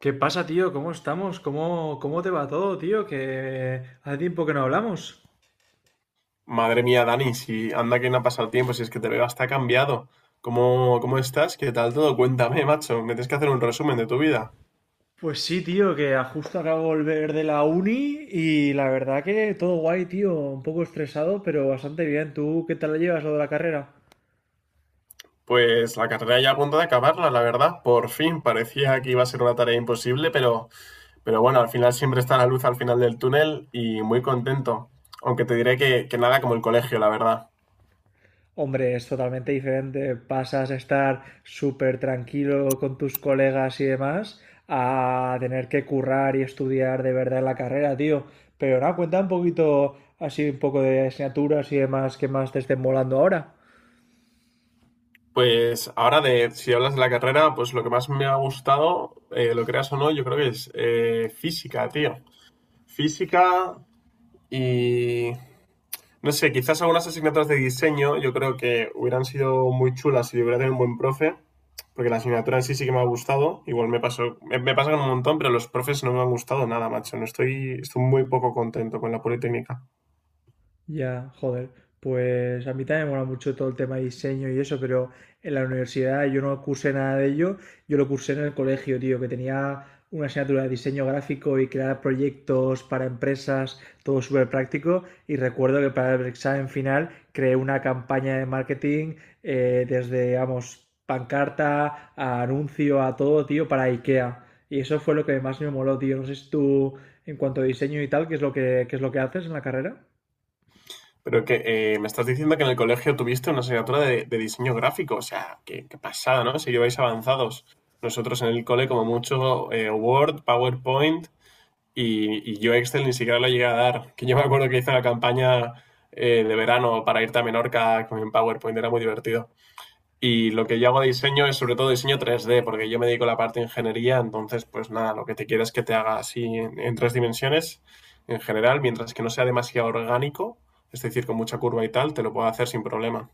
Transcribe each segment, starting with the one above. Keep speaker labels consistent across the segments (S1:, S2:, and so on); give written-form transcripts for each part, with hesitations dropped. S1: ¿Qué pasa, tío? ¿Cómo estamos? ¿Cómo te va todo, tío? Que hace tiempo que no hablamos.
S2: Madre mía, Dani, si anda que no ha pasado tiempo, si es que te veo hasta cambiado. ¿Cómo estás? ¿Qué tal todo? Cuéntame, macho. Me tienes que hacer un resumen de tu vida.
S1: Pues sí, tío, que justo acabo de volver de la uni y la verdad que todo guay, tío. Un poco estresado, pero bastante bien. ¿Tú qué tal lo llevas lo de la carrera?
S2: Pues la carrera ya a punto de acabarla, la verdad. Por fin, parecía que iba a ser una tarea imposible, pero bueno, al final siempre está la luz al final del túnel y muy contento. Aunque te diré que nada como el colegio, la verdad.
S1: Hombre, es totalmente diferente. Pasas a estar súper tranquilo con tus colegas y demás a tener que currar y estudiar de verdad en la carrera, tío. Pero nada, cuenta un poquito así, un poco de asignaturas y demás que más te estén volando ahora.
S2: Pues ahora si hablas de la carrera, pues lo que más me ha gustado, lo creas o no, yo creo que es física, tío. Física y no sé, quizás algunas asignaturas de diseño yo creo que hubieran sido muy chulas si hubiera tenido un buen profe, porque la asignatura en sí sí que me ha gustado. Igual me pasó, me pasa con un montón, pero los profes no me han gustado nada, macho. No estoy, estoy muy poco contento con la Politécnica.
S1: Ya, joder, pues a mí también me mola mucho todo el tema de diseño y eso, pero en la universidad yo no cursé nada de ello, yo lo cursé en el colegio, tío, que tenía una asignatura de diseño gráfico y crear proyectos para empresas, todo súper práctico, y recuerdo que para el examen final creé una campaña de marketing, desde, vamos, pancarta a anuncio, a todo, tío, para IKEA. Y eso fue lo que más me moló, tío. No sé si tú, en cuanto a diseño y tal, ¿qué es lo que haces en la carrera?
S2: Pero que me estás diciendo que en el colegio tuviste una asignatura de diseño gráfico, o sea, qué pasada, ¿no? Si lleváis avanzados. Nosotros en el cole, como mucho, Word, PowerPoint y yo Excel ni siquiera lo llegué a dar. Que yo me acuerdo que hice la campaña de verano para irte a Menorca con PowerPoint, era muy divertido. Y lo que yo hago de diseño es sobre todo diseño 3D, porque yo me dedico a la parte de ingeniería, entonces pues nada, lo que te quiero es que te haga así en tres dimensiones en general, mientras que no sea demasiado orgánico, es decir, con mucha curva y tal, te lo puedo hacer sin problema.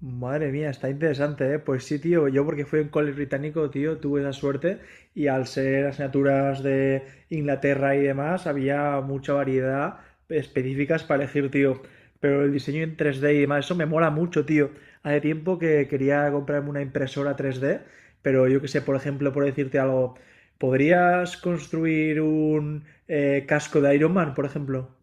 S1: Madre mía, está interesante, ¿eh? Pues sí, tío, yo porque fui a un cole británico, tío, tuve esa suerte y al ser asignaturas de Inglaterra y demás, había mucha variedad específicas para elegir, tío. Pero el diseño en 3D y demás, eso me mola mucho, tío. Hace tiempo que quería comprarme una impresora 3D, pero yo que sé, por ejemplo, por decirte algo, ¿podrías construir un casco de Iron Man, por ejemplo?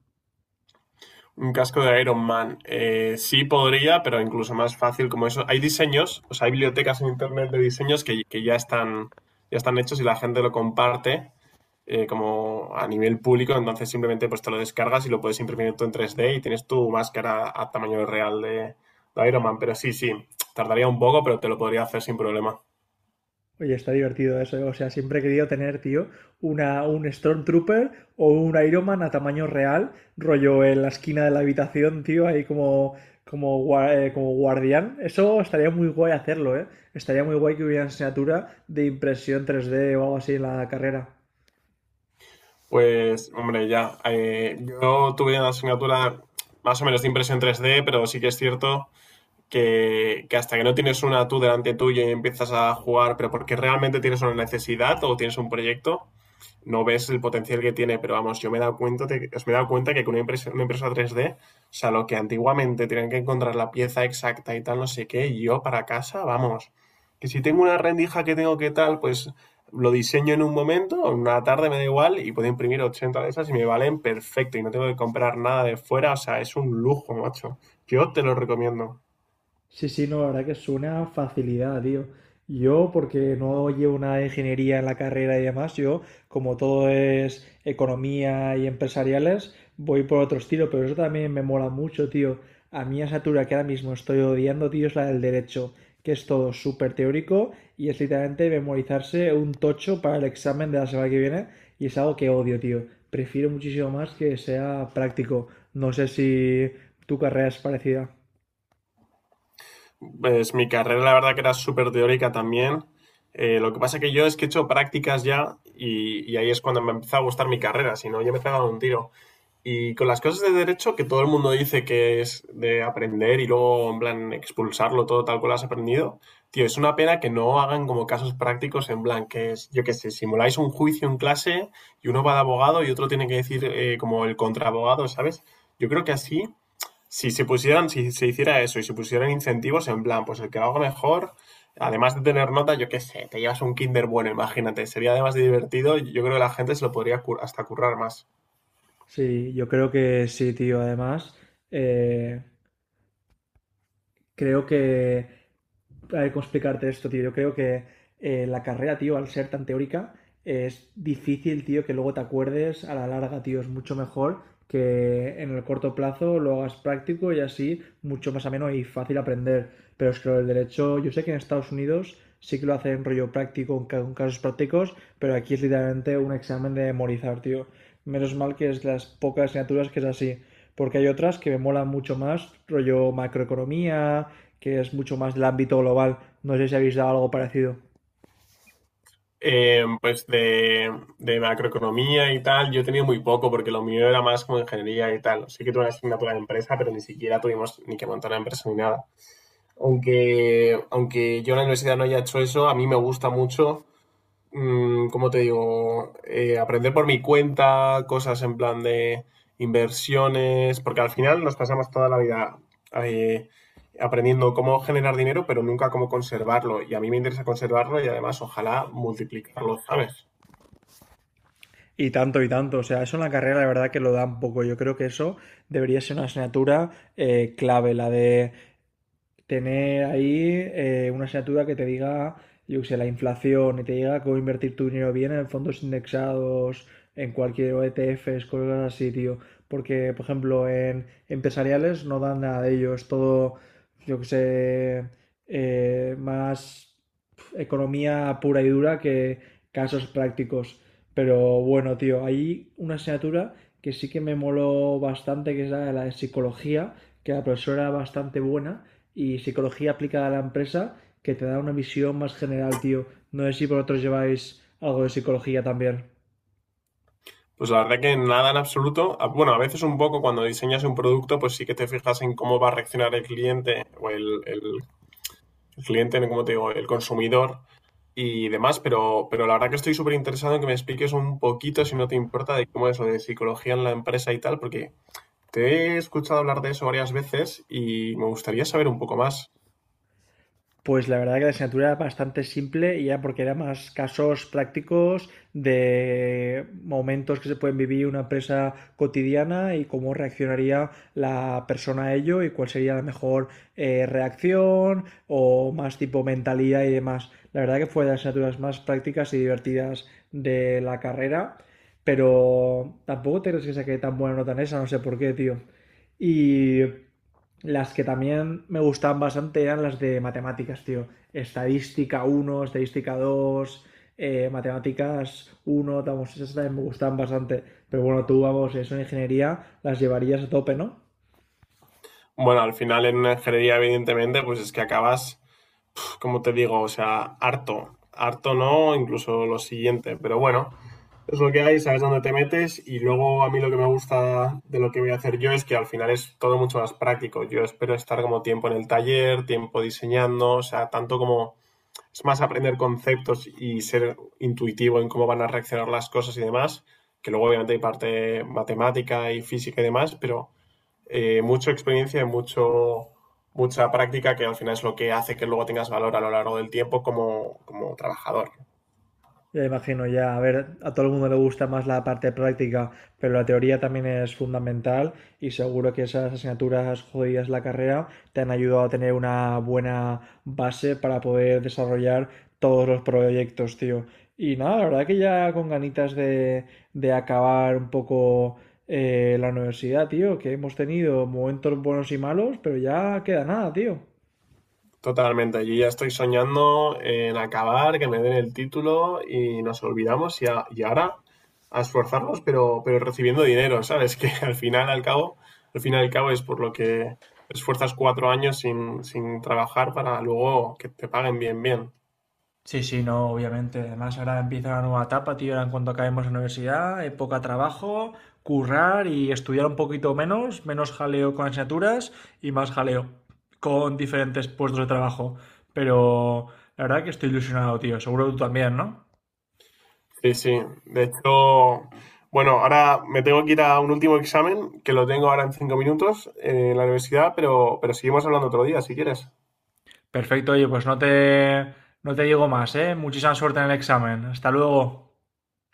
S2: Un casco de Iron Man. Sí podría, pero incluso más fácil como eso. Hay diseños, o sea, hay bibliotecas en internet de diseños que ya están hechos y la gente lo comparte como a nivel público. Entonces simplemente pues te lo descargas y lo puedes imprimir tú en 3D y tienes tu máscara a tamaño real de Iron Man. Pero sí, sí, tardaría un poco, pero te lo podría hacer sin problema.
S1: Oye, está divertido eso, ¿eh? O sea, siempre he querido tener, tío, una, un Stormtrooper o un Iron Man a tamaño real, rollo en la esquina de la habitación, tío, ahí como, como, como guardián. Eso estaría muy guay hacerlo, ¿eh? Estaría muy guay que hubiera asignatura de impresión 3D o algo así en la carrera.
S2: Pues, hombre, ya. Yo tuve una asignatura más o menos de impresión 3D, pero sí que es cierto que hasta que no tienes una tú delante tuya y empiezas a jugar, pero porque realmente tienes una necesidad o tienes un proyecto, no ves el potencial que tiene. Pero vamos, yo me he dado cuenta, de- me he dado cuenta que con una impresa 3D, o sea, lo que antiguamente tenían que encontrar la pieza exacta y tal, no sé qué, y yo para casa, vamos. Que si tengo una rendija que tengo que tal, pues lo diseño en un momento, en una tarde me da igual, y puedo imprimir 80 de esas y me valen perfecto, y no tengo que comprar nada de fuera, o sea, es un lujo, macho. Yo te lo recomiendo.
S1: Sí, sí, no, la verdad que es una facilidad, tío. Yo, porque no llevo nada de ingeniería en la carrera y demás, yo, como todo es economía y empresariales, voy por otro estilo, pero eso también me mola mucho, tío. A mí esa asignatura que ahora mismo estoy odiando, tío, es la del derecho, que es todo súper teórico y es literalmente memorizarse un tocho para el examen de la semana que viene y es algo que odio, tío. Prefiero muchísimo más que sea práctico. No sé si tu carrera es parecida.
S2: Pues mi carrera la verdad que era súper teórica también. Lo que pasa que yo es que he hecho prácticas ya y ahí es cuando me empezó a gustar mi carrera, si no yo me pegaba un tiro. Y con las cosas de derecho que todo el mundo dice que es de aprender y luego en plan expulsarlo todo tal cual has aprendido, tío, es una pena que no hagan como casos prácticos en plan que es, yo qué sé, simuláis un juicio en clase y uno va de abogado y otro tiene que decir como el contraabogado, ¿sabes? Yo creo que así si se pusieran, si se hiciera eso y se pusieran incentivos en plan, pues el que lo haga mejor, además de tener nota, yo qué sé, te llevas un Kinder bueno, imagínate, sería además de divertido, yo creo que la gente se lo podría hasta currar más.
S1: Sí, yo creo que sí, tío. Además, eh, creo que a ver, ¿cómo explicarte esto, tío? Yo creo que la carrera, tío, al ser tan teórica, es difícil, tío, que luego te acuerdes a la larga, tío. Es mucho mejor que en el corto plazo lo hagas práctico y así mucho más ameno y fácil aprender. Pero es que lo del derecho, yo sé que en Estados Unidos sí que lo hacen rollo práctico, con con casos prácticos, pero aquí es literalmente un examen de memorizar, tío. Menos mal que es las pocas asignaturas que es así, porque hay otras que me molan mucho más, rollo macroeconomía, que es mucho más del ámbito global. No sé si habéis dado algo parecido.
S2: Pues de macroeconomía y tal, yo he tenido muy poco porque lo mío era más como ingeniería y tal. Sí que tuve una asignatura de empresa, pero ni siquiera tuvimos ni que montar una empresa ni nada. Aunque yo en la universidad no haya hecho eso, a mí me gusta mucho, ¿cómo te digo? Aprender por mi cuenta, cosas en plan de inversiones, porque al final nos pasamos toda la vida eh, aprendiendo cómo generar dinero, pero nunca cómo conservarlo. Y a mí me interesa conservarlo y además ojalá multiplicarlo, ¿sabes?
S1: Y tanto, y tanto. O sea, eso en la carrera, la verdad que lo da un poco. Yo creo que eso debería ser una asignatura clave, la de tener ahí una asignatura que te diga, yo qué sé, la inflación y te diga cómo invertir tu dinero bien en fondos indexados, en cualquier ETFs, cosas así, tío. Porque, por ejemplo, en empresariales no dan nada de ello, es todo, yo qué sé, más economía pura y dura que casos prácticos. Pero bueno, tío, hay una asignatura que sí que me moló bastante, que es la de psicología, que la profesora era bastante buena y psicología aplicada a la empresa que te da una visión más general, tío. No sé si vosotros lleváis algo de psicología también.
S2: Pues la verdad que nada en absoluto. Bueno, a veces un poco cuando diseñas un producto, pues sí que te fijas en cómo va a reaccionar el cliente o el cliente, como te digo, el consumidor y demás, pero la verdad que estoy súper interesado en que me expliques un poquito, si no te importa, de cómo es lo de psicología en la empresa y tal, porque te he escuchado hablar de eso varias veces y me gustaría saber un poco más.
S1: Pues la verdad que la asignatura era bastante simple y era porque era más casos prácticos de momentos que se pueden vivir una empresa cotidiana y cómo reaccionaría la persona a ello y cuál sería la mejor reacción o más tipo mentalidad y demás. La verdad que fue de las asignaturas más prácticas y divertidas de la carrera, pero tampoco te crees que saqué tan buena nota en esa, no sé por qué, tío. Y las que también me gustaban bastante eran las de matemáticas, tío. Estadística uno, estadística dos, matemáticas uno, vamos, esas también me gustaban bastante. Pero bueno, tú, vamos, eso en ingeniería las llevarías a tope, ¿no?
S2: Bueno, al final en una ingeniería, evidentemente, pues es que acabas, como te digo, o sea, harto. Harto no, incluso lo siguiente, pero bueno, es lo que hay, sabes dónde te metes y luego a mí lo que me gusta de lo que voy a hacer yo es que al final es todo mucho más práctico. Yo espero estar como tiempo en el taller, tiempo diseñando, o sea, tanto como es más aprender conceptos y ser intuitivo en cómo van a reaccionar las cosas y demás, que luego obviamente hay parte matemática y física y demás, pero mucha experiencia y mucha práctica que al final es lo que hace que luego tengas valor a lo largo del tiempo como, como trabajador.
S1: Ya imagino, ya, a ver, a todo el mundo le gusta más la parte práctica, pero la teoría también es fundamental y seguro que esas asignaturas jodidas de la carrera te han ayudado a tener una buena base para poder desarrollar todos los proyectos, tío. Y nada, la verdad que ya con ganitas de, acabar un poco, la universidad, tío, que hemos tenido momentos buenos y malos, pero ya queda nada, tío.
S2: Totalmente, yo ya estoy soñando en acabar, que me den el título y nos olvidamos y ahora a esforzarnos, pero recibiendo dinero, ¿sabes? Que al final, al cabo es por lo que esfuerzas 4 años sin trabajar para luego que te paguen bien, bien.
S1: Sí, sí, no, obviamente. Además, ahora empieza una nueva etapa, tío. Ahora en cuanto acabemos la universidad, época trabajo, currar y estudiar un poquito menos, menos jaleo con asignaturas y más jaleo con diferentes puestos de trabajo. Pero la verdad que estoy ilusionado, tío. Seguro tú también, ¿no?
S2: Sí, sí. De hecho, bueno, ahora me tengo que ir a un último examen, que lo tengo ahora en 5 minutos en la universidad, pero seguimos hablando otro día, si quieres.
S1: Perfecto, oye, pues no te, digo más, ¿eh? Muchísima suerte en el examen. Hasta luego.